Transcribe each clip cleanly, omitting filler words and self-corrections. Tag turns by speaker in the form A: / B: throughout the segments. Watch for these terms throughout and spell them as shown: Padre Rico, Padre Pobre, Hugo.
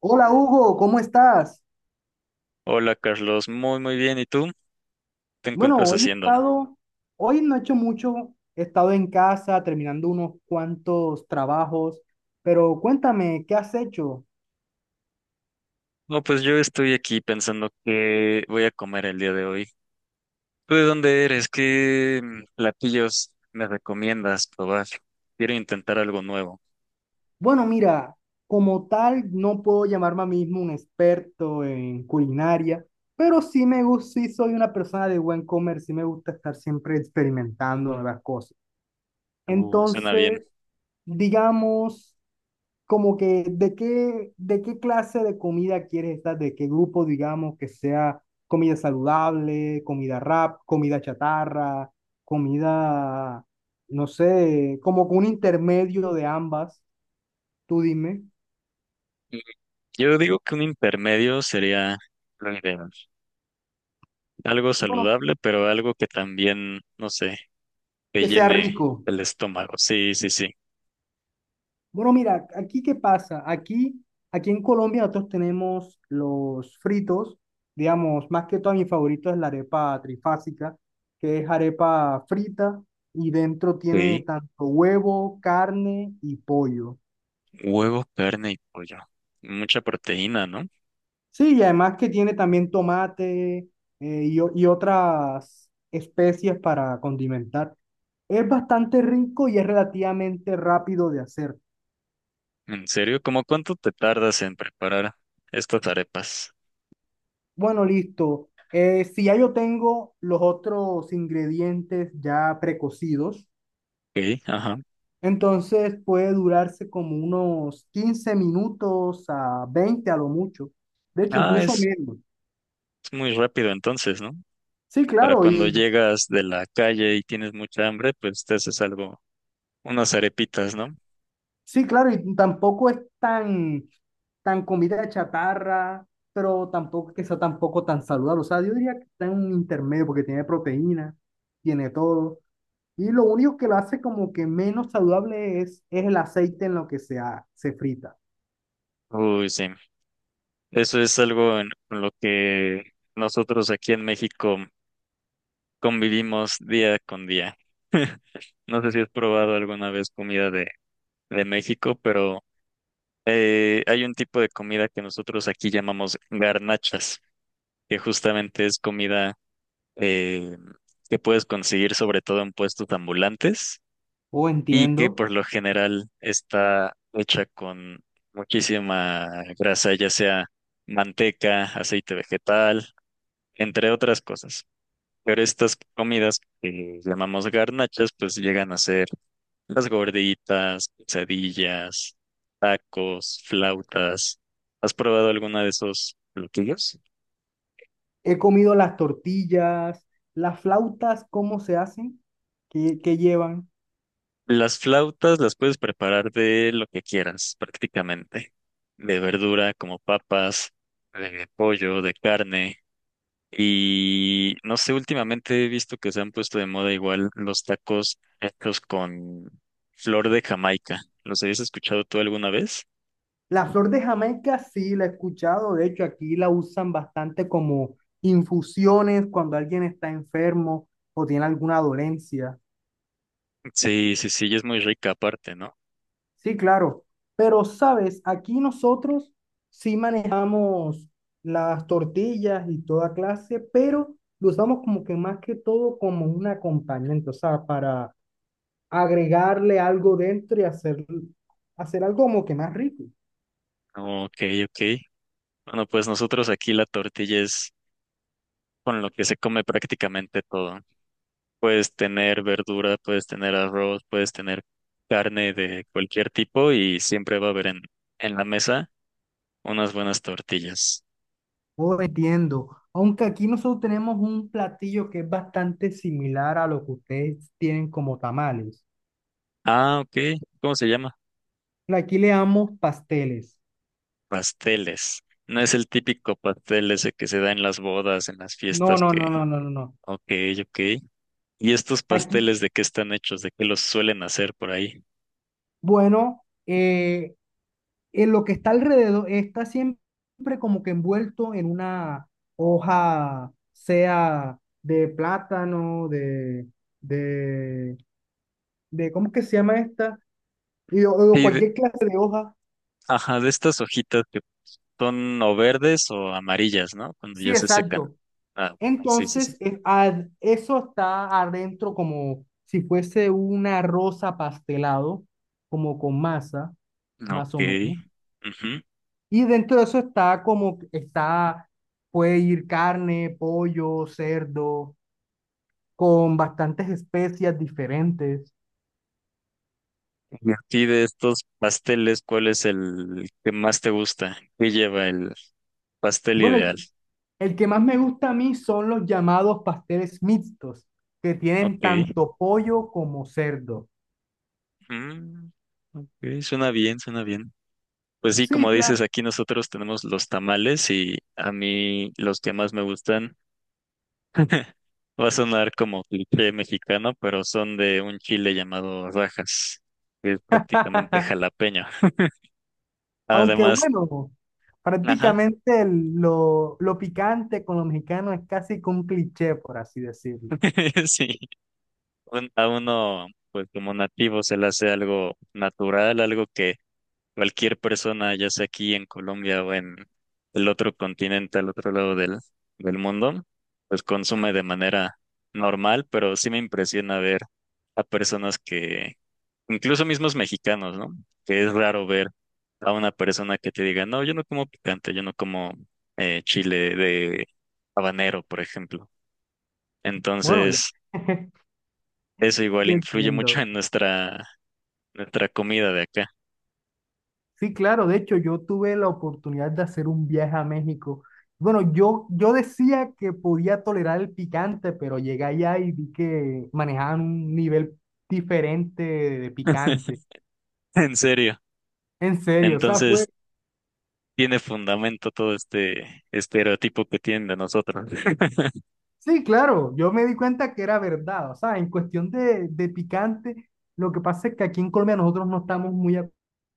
A: Hola Hugo, ¿cómo estás?
B: Hola Carlos, muy bien. ¿Y tú? ¿Te
A: Bueno,
B: encuentras
A: hoy he
B: haciendo?
A: estado, hoy no he hecho mucho, he estado en casa terminando unos cuantos trabajos, pero cuéntame, ¿qué has hecho?
B: No, pues yo estoy aquí pensando qué voy a comer el día de hoy. ¿Tú de dónde eres? ¿Qué platillos me recomiendas probar? Quiero intentar algo nuevo.
A: Bueno, mira, como tal no puedo llamarme a mí mismo un experto en culinaria, pero sí me gusta, sí soy una persona de buen comer, sí me gusta estar siempre experimentando nuevas cosas.
B: Me suena bien.
A: Entonces, digamos como que de qué clase de comida quieres estar, de qué grupo, digamos, que sea comida saludable, comida rap, comida chatarra, comida, no sé, como que un intermedio de ambas, tú dime,
B: Mm, Yo digo que un intermedio sería lo ideal. Algo
A: bueno,
B: saludable, pero algo que también, no sé, que
A: que sea
B: llene
A: rico.
B: el estómago. Sí, sí, sí.
A: Bueno, mira, aquí qué pasa. Aquí en Colombia nosotros tenemos los fritos, digamos, más que todo mi favorito es la arepa trifásica, que es arepa frita y dentro tiene
B: Sí.
A: tanto huevo, carne y pollo.
B: Huevo, carne y pollo. Mucha proteína, ¿no?
A: Sí, y además que tiene también tomate y, y otras especies para condimentar. Es bastante rico y es relativamente rápido de hacer.
B: ¿En serio? ¿Cómo cuánto te tardas en preparar estas arepas?
A: Bueno, listo. Si ya yo tengo los otros ingredientes ya precocidos,
B: Ok, ajá.
A: entonces puede durarse como unos 15 minutos a 20 a lo mucho. De hecho,
B: Ah,
A: incluso
B: es,
A: menos.
B: es muy rápido entonces, ¿no?
A: Sí,
B: Para
A: claro,
B: cuando
A: y
B: llegas de la calle y tienes mucha hambre, pues te haces algo, unas arepitas, ¿no?
A: sí, claro, y tampoco es tan, tan comida de chatarra, pero tampoco que sea tampoco tan saludable. O sea, yo diría que está en un intermedio porque tiene proteína, tiene todo. Y lo único que lo hace como que menos saludable es el aceite en lo que se, se frita.
B: Uy, sí. Eso es algo en con lo que nosotros aquí en México convivimos día con día. No sé si has probado alguna vez de México, pero hay un tipo de comida que nosotros aquí llamamos garnachas, que justamente es comida eh, que puedes conseguir sobre todo en puestos ambulantes
A: Oh,
B: y que
A: entiendo.
B: por lo general está hecha con muchísima grasa, ya sea manteca, aceite vegetal, entre otras cosas. Pero estas comidas que llamamos garnachas, pues llegan a ser las gorditas, quesadillas, tacos, flautas. ¿Has probado alguna de esos platillos?
A: He comido las tortillas, las flautas, ¿cómo se hacen? ¿Qué llevan?
B: Las flautas las puedes preparar de lo que quieras, prácticamente. De verdura, como papas, de pollo, de carne. Y no sé, últimamente he visto que se han puesto de moda igual los tacos hechos con flor de Jamaica. ¿Los habías escuchado tú alguna vez?
A: La flor de Jamaica sí la he escuchado. De hecho, aquí la usan bastante como infusiones cuando alguien está enfermo o tiene alguna dolencia.
B: Sí, sí, sí, y es muy rica aparte, ¿no?
A: Sí, claro. Pero, sabes, aquí nosotros sí manejamos las tortillas y toda clase, pero lo usamos como que más que todo como un acompañamiento, o sea, para agregarle algo dentro y hacer, hacer algo como que más rico.
B: Ok, ok. Bueno, pues nosotros aquí la tortilla es con lo que se come prácticamente todo. Puedes tener verdura, puedes tener arroz, puedes tener carne de cualquier tipo y siempre va a haber en la mesa unas buenas tortillas.
A: Oh, entiendo. Aunque aquí nosotros tenemos un platillo que es bastante similar a lo que ustedes tienen como tamales.
B: Ah, ok. ¿Cómo se llama?
A: Aquí le damos pasteles.
B: Pasteles. No es el típico pastel ese que se da en las bodas, en las
A: No,
B: fiestas
A: no,
B: que...
A: no, no, no, no, no.
B: Ok, ok. ¿Y estos
A: Aquí,
B: pasteles de qué están hechos? ¿De qué los suelen hacer por ahí?
A: bueno, lo que está alrededor está siempre como que envuelto en una hoja, sea de plátano, de, de ¿cómo que se llama esta? Y, o
B: Sí, de-
A: cualquier clase de hoja.
B: ajá, de estas hojitas que son o verdes o amarillas, ¿no? Cuando
A: Sí,
B: ya se secan.
A: exacto.
B: Ah, sí, sí, sí.
A: Entonces, es eso está adentro como si fuese una rosa pastelado, como con masa,
B: Ok.
A: más o menos.
B: Ujú.
A: Y dentro de eso está como, está, puede ir carne, pollo, cerdo con bastantes especias diferentes.
B: Y a ti de estos pasteles, ¿cuál es el que más te gusta? ¿Qué lleva el pastel
A: Bueno,
B: ideal?
A: el que más me gusta a mí son los llamados pasteles mixtos, que tienen
B: Ok.
A: tanto pollo como cerdo.
B: Mm, ok, suena bien, suena bien. Pues sí,
A: Sí,
B: como
A: claro.
B: dices, aquí nosotros tenemos los tamales y a mí los que más me gustan, va a sonar como cliché mexicano, pero son de un chile llamado rajas, que es prácticamente jalapeño.
A: Aunque
B: Además,
A: bueno,
B: ajá,
A: prácticamente lo picante con lo mexicano es casi que un cliché, por así decirlo.
B: sí. A uno, pues como nativo, se le hace algo natural, algo que cualquier persona, ya sea aquí en Colombia o en el otro continente, al otro lado del mundo, pues consume de manera normal, pero sí me impresiona ver a incluso mismos mexicanos, ¿no? Que es raro ver a una persona que te diga, no, yo no como picante, yo no como chile de habanero, por ejemplo.
A: Bueno, ya,
B: Entonces, eso igual
A: ya
B: influye mucho
A: entiendo.
B: en nuestra comida de acá.
A: Sí, claro, de hecho yo tuve la oportunidad de hacer un viaje a México. Bueno, yo decía que podía tolerar el picante, pero llegué allá y vi que manejaban un nivel diferente de picante.
B: En serio.
A: En serio, o sea, fue,
B: Entonces, tiene fundamento todo este estereotipo que tienen de nosotros.
A: sí, claro, yo me di cuenta que era verdad. O sea, en cuestión de picante, lo que pasa es que aquí en Colombia nosotros no estamos muy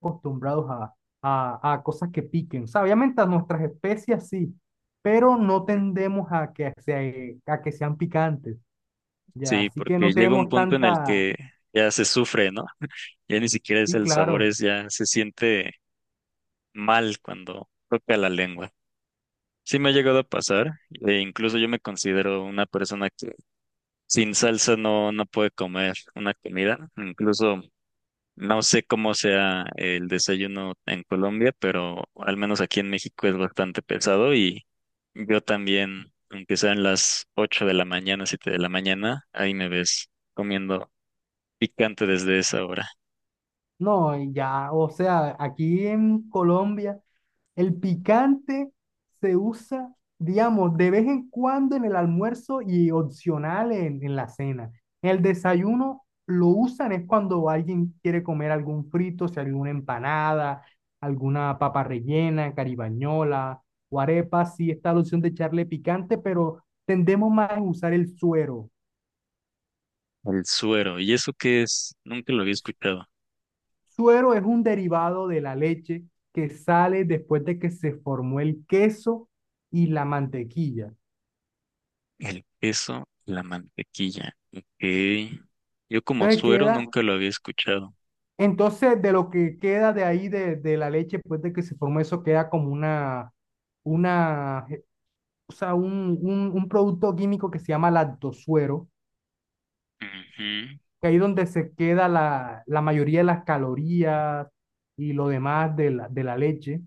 A: acostumbrados a cosas que piquen. O sea, obviamente a nuestras especias sí, pero no tendemos a que, a que sean picantes. Ya,
B: Sí,
A: así que no
B: porque llega un
A: tenemos
B: punto en el
A: tanta.
B: que ya se sufre, ¿no? Ya ni siquiera es
A: Sí,
B: el sabor,
A: claro.
B: es ya se siente mal cuando toca la lengua. Sí me ha llegado a pasar, e incluso yo me considero una persona que sin salsa no puede comer una comida. Incluso no sé cómo sea el desayuno en Colombia, pero al menos aquí en México es bastante pesado y yo también, aunque sean las 8 de la mañana, 7 de la mañana, ahí me ves comiendo picante desde esa hora.
A: No, y ya, o sea, aquí en Colombia. El picante se usa, digamos, de vez en cuando en el almuerzo y opcional en la cena. En el desayuno lo usan es cuando alguien quiere comer algún frito, si alguna empanada, alguna papa rellena, caribañola o arepa. Sí está la opción de echarle picante, pero tendemos más a usar el suero.
B: El suero, ¿y eso qué es? Nunca lo había escuchado.
A: Suero es un derivado de la leche que sale después de que se formó el queso y la mantequilla.
B: El queso, la mantequilla. Ok. Yo como
A: Entonces
B: suero
A: queda
B: nunca lo había escuchado.
A: entonces, de lo que queda de ahí, de la leche, después de que se formó eso, queda como una, o sea, un producto químico que se llama lactosuero,
B: Ujú.
A: que ahí es donde se queda la, la mayoría de las calorías y lo demás de la leche.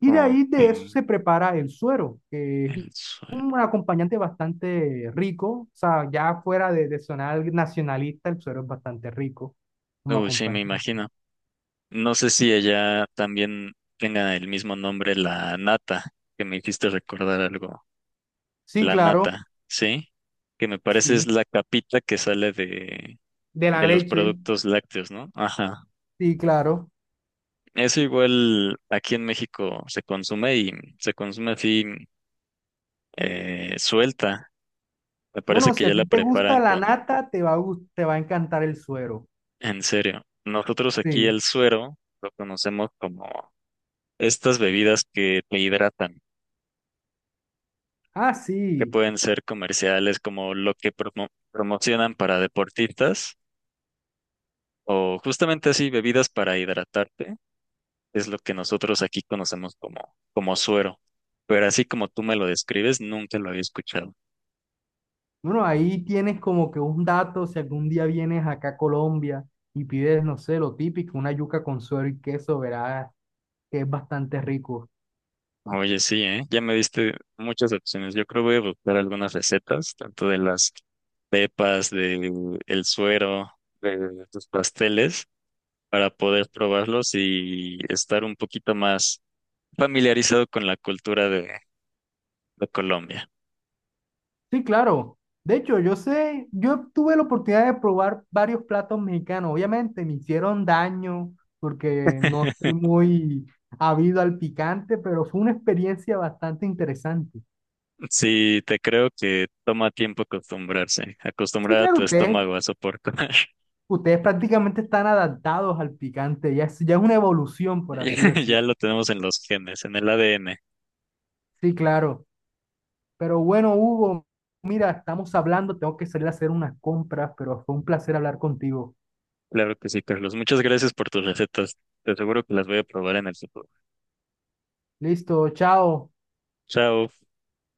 A: Y de ahí
B: Ok.
A: de eso se prepara el suero, que es
B: El suero.
A: un acompañante bastante rico, o sea, ya fuera de sonar nacionalista, el suero es bastante rico como
B: Uy, sí, me
A: acompañante.
B: imagino. No sé si ella también tenga el mismo nombre, la nata, que me hiciste recordar algo.
A: Sí,
B: La
A: claro,
B: nata, ¿sí? Que me parece es
A: sí.
B: la capita que sale
A: De
B: de
A: la
B: los
A: leche.
B: productos lácteos, ¿no? Ajá.
A: Sí, claro.
B: Eso igual aquí en México se consume y se consume así suelta. Me parece
A: Bueno, si
B: que
A: a
B: ya la
A: ti te gusta
B: preparan
A: la
B: con,
A: nata, te va a, te va a encantar el suero.
B: en serio. Nosotros aquí
A: Sí.
B: el suero lo conocemos como estas bebidas que te hidratan.
A: Ah,
B: Que
A: sí.
B: pueden ser comerciales como lo que promocionan para deportistas o justamente así bebidas para hidratarte, es lo que nosotros aquí conocemos como suero. Pero así como tú me lo describes, nunca lo había escuchado.
A: Bueno, ahí tienes como que un dato, si algún día vienes acá a Colombia y pides, no sé, lo típico, una yuca con suero y queso, verás que es bastante rico.
B: Oye, sí, ¿eh? Ya me diste muchas opciones. Yo creo voy a buscar algunas recetas, tanto de las pepas, del el suero, de tus pasteles, para poder probarlos y estar un poquito más familiarizado con la cultura de Colombia.
A: Sí, claro. De hecho, yo sé, yo tuve la oportunidad de probar varios platos mexicanos. Obviamente me hicieron daño porque no soy muy habido al picante, pero fue una experiencia bastante interesante.
B: Sí, te creo que toma tiempo acostumbrarse,
A: Sí,
B: acostumbrar a
A: claro,
B: tu
A: ustedes,
B: estómago a soportar.
A: ustedes prácticamente están adaptados al picante. Ya es una evolución, por
B: Ya
A: así decirlo.
B: ya lo tenemos en los genes, en el ADN.
A: Sí, claro. Pero bueno, Hugo, mira, estamos hablando, tengo que salir a hacer unas compras, pero fue un placer hablar contigo.
B: Claro que sí, Carlos. Muchas gracias por tus recetas. Te aseguro que las voy a probar en el futuro.
A: Listo, chao.
B: Chao.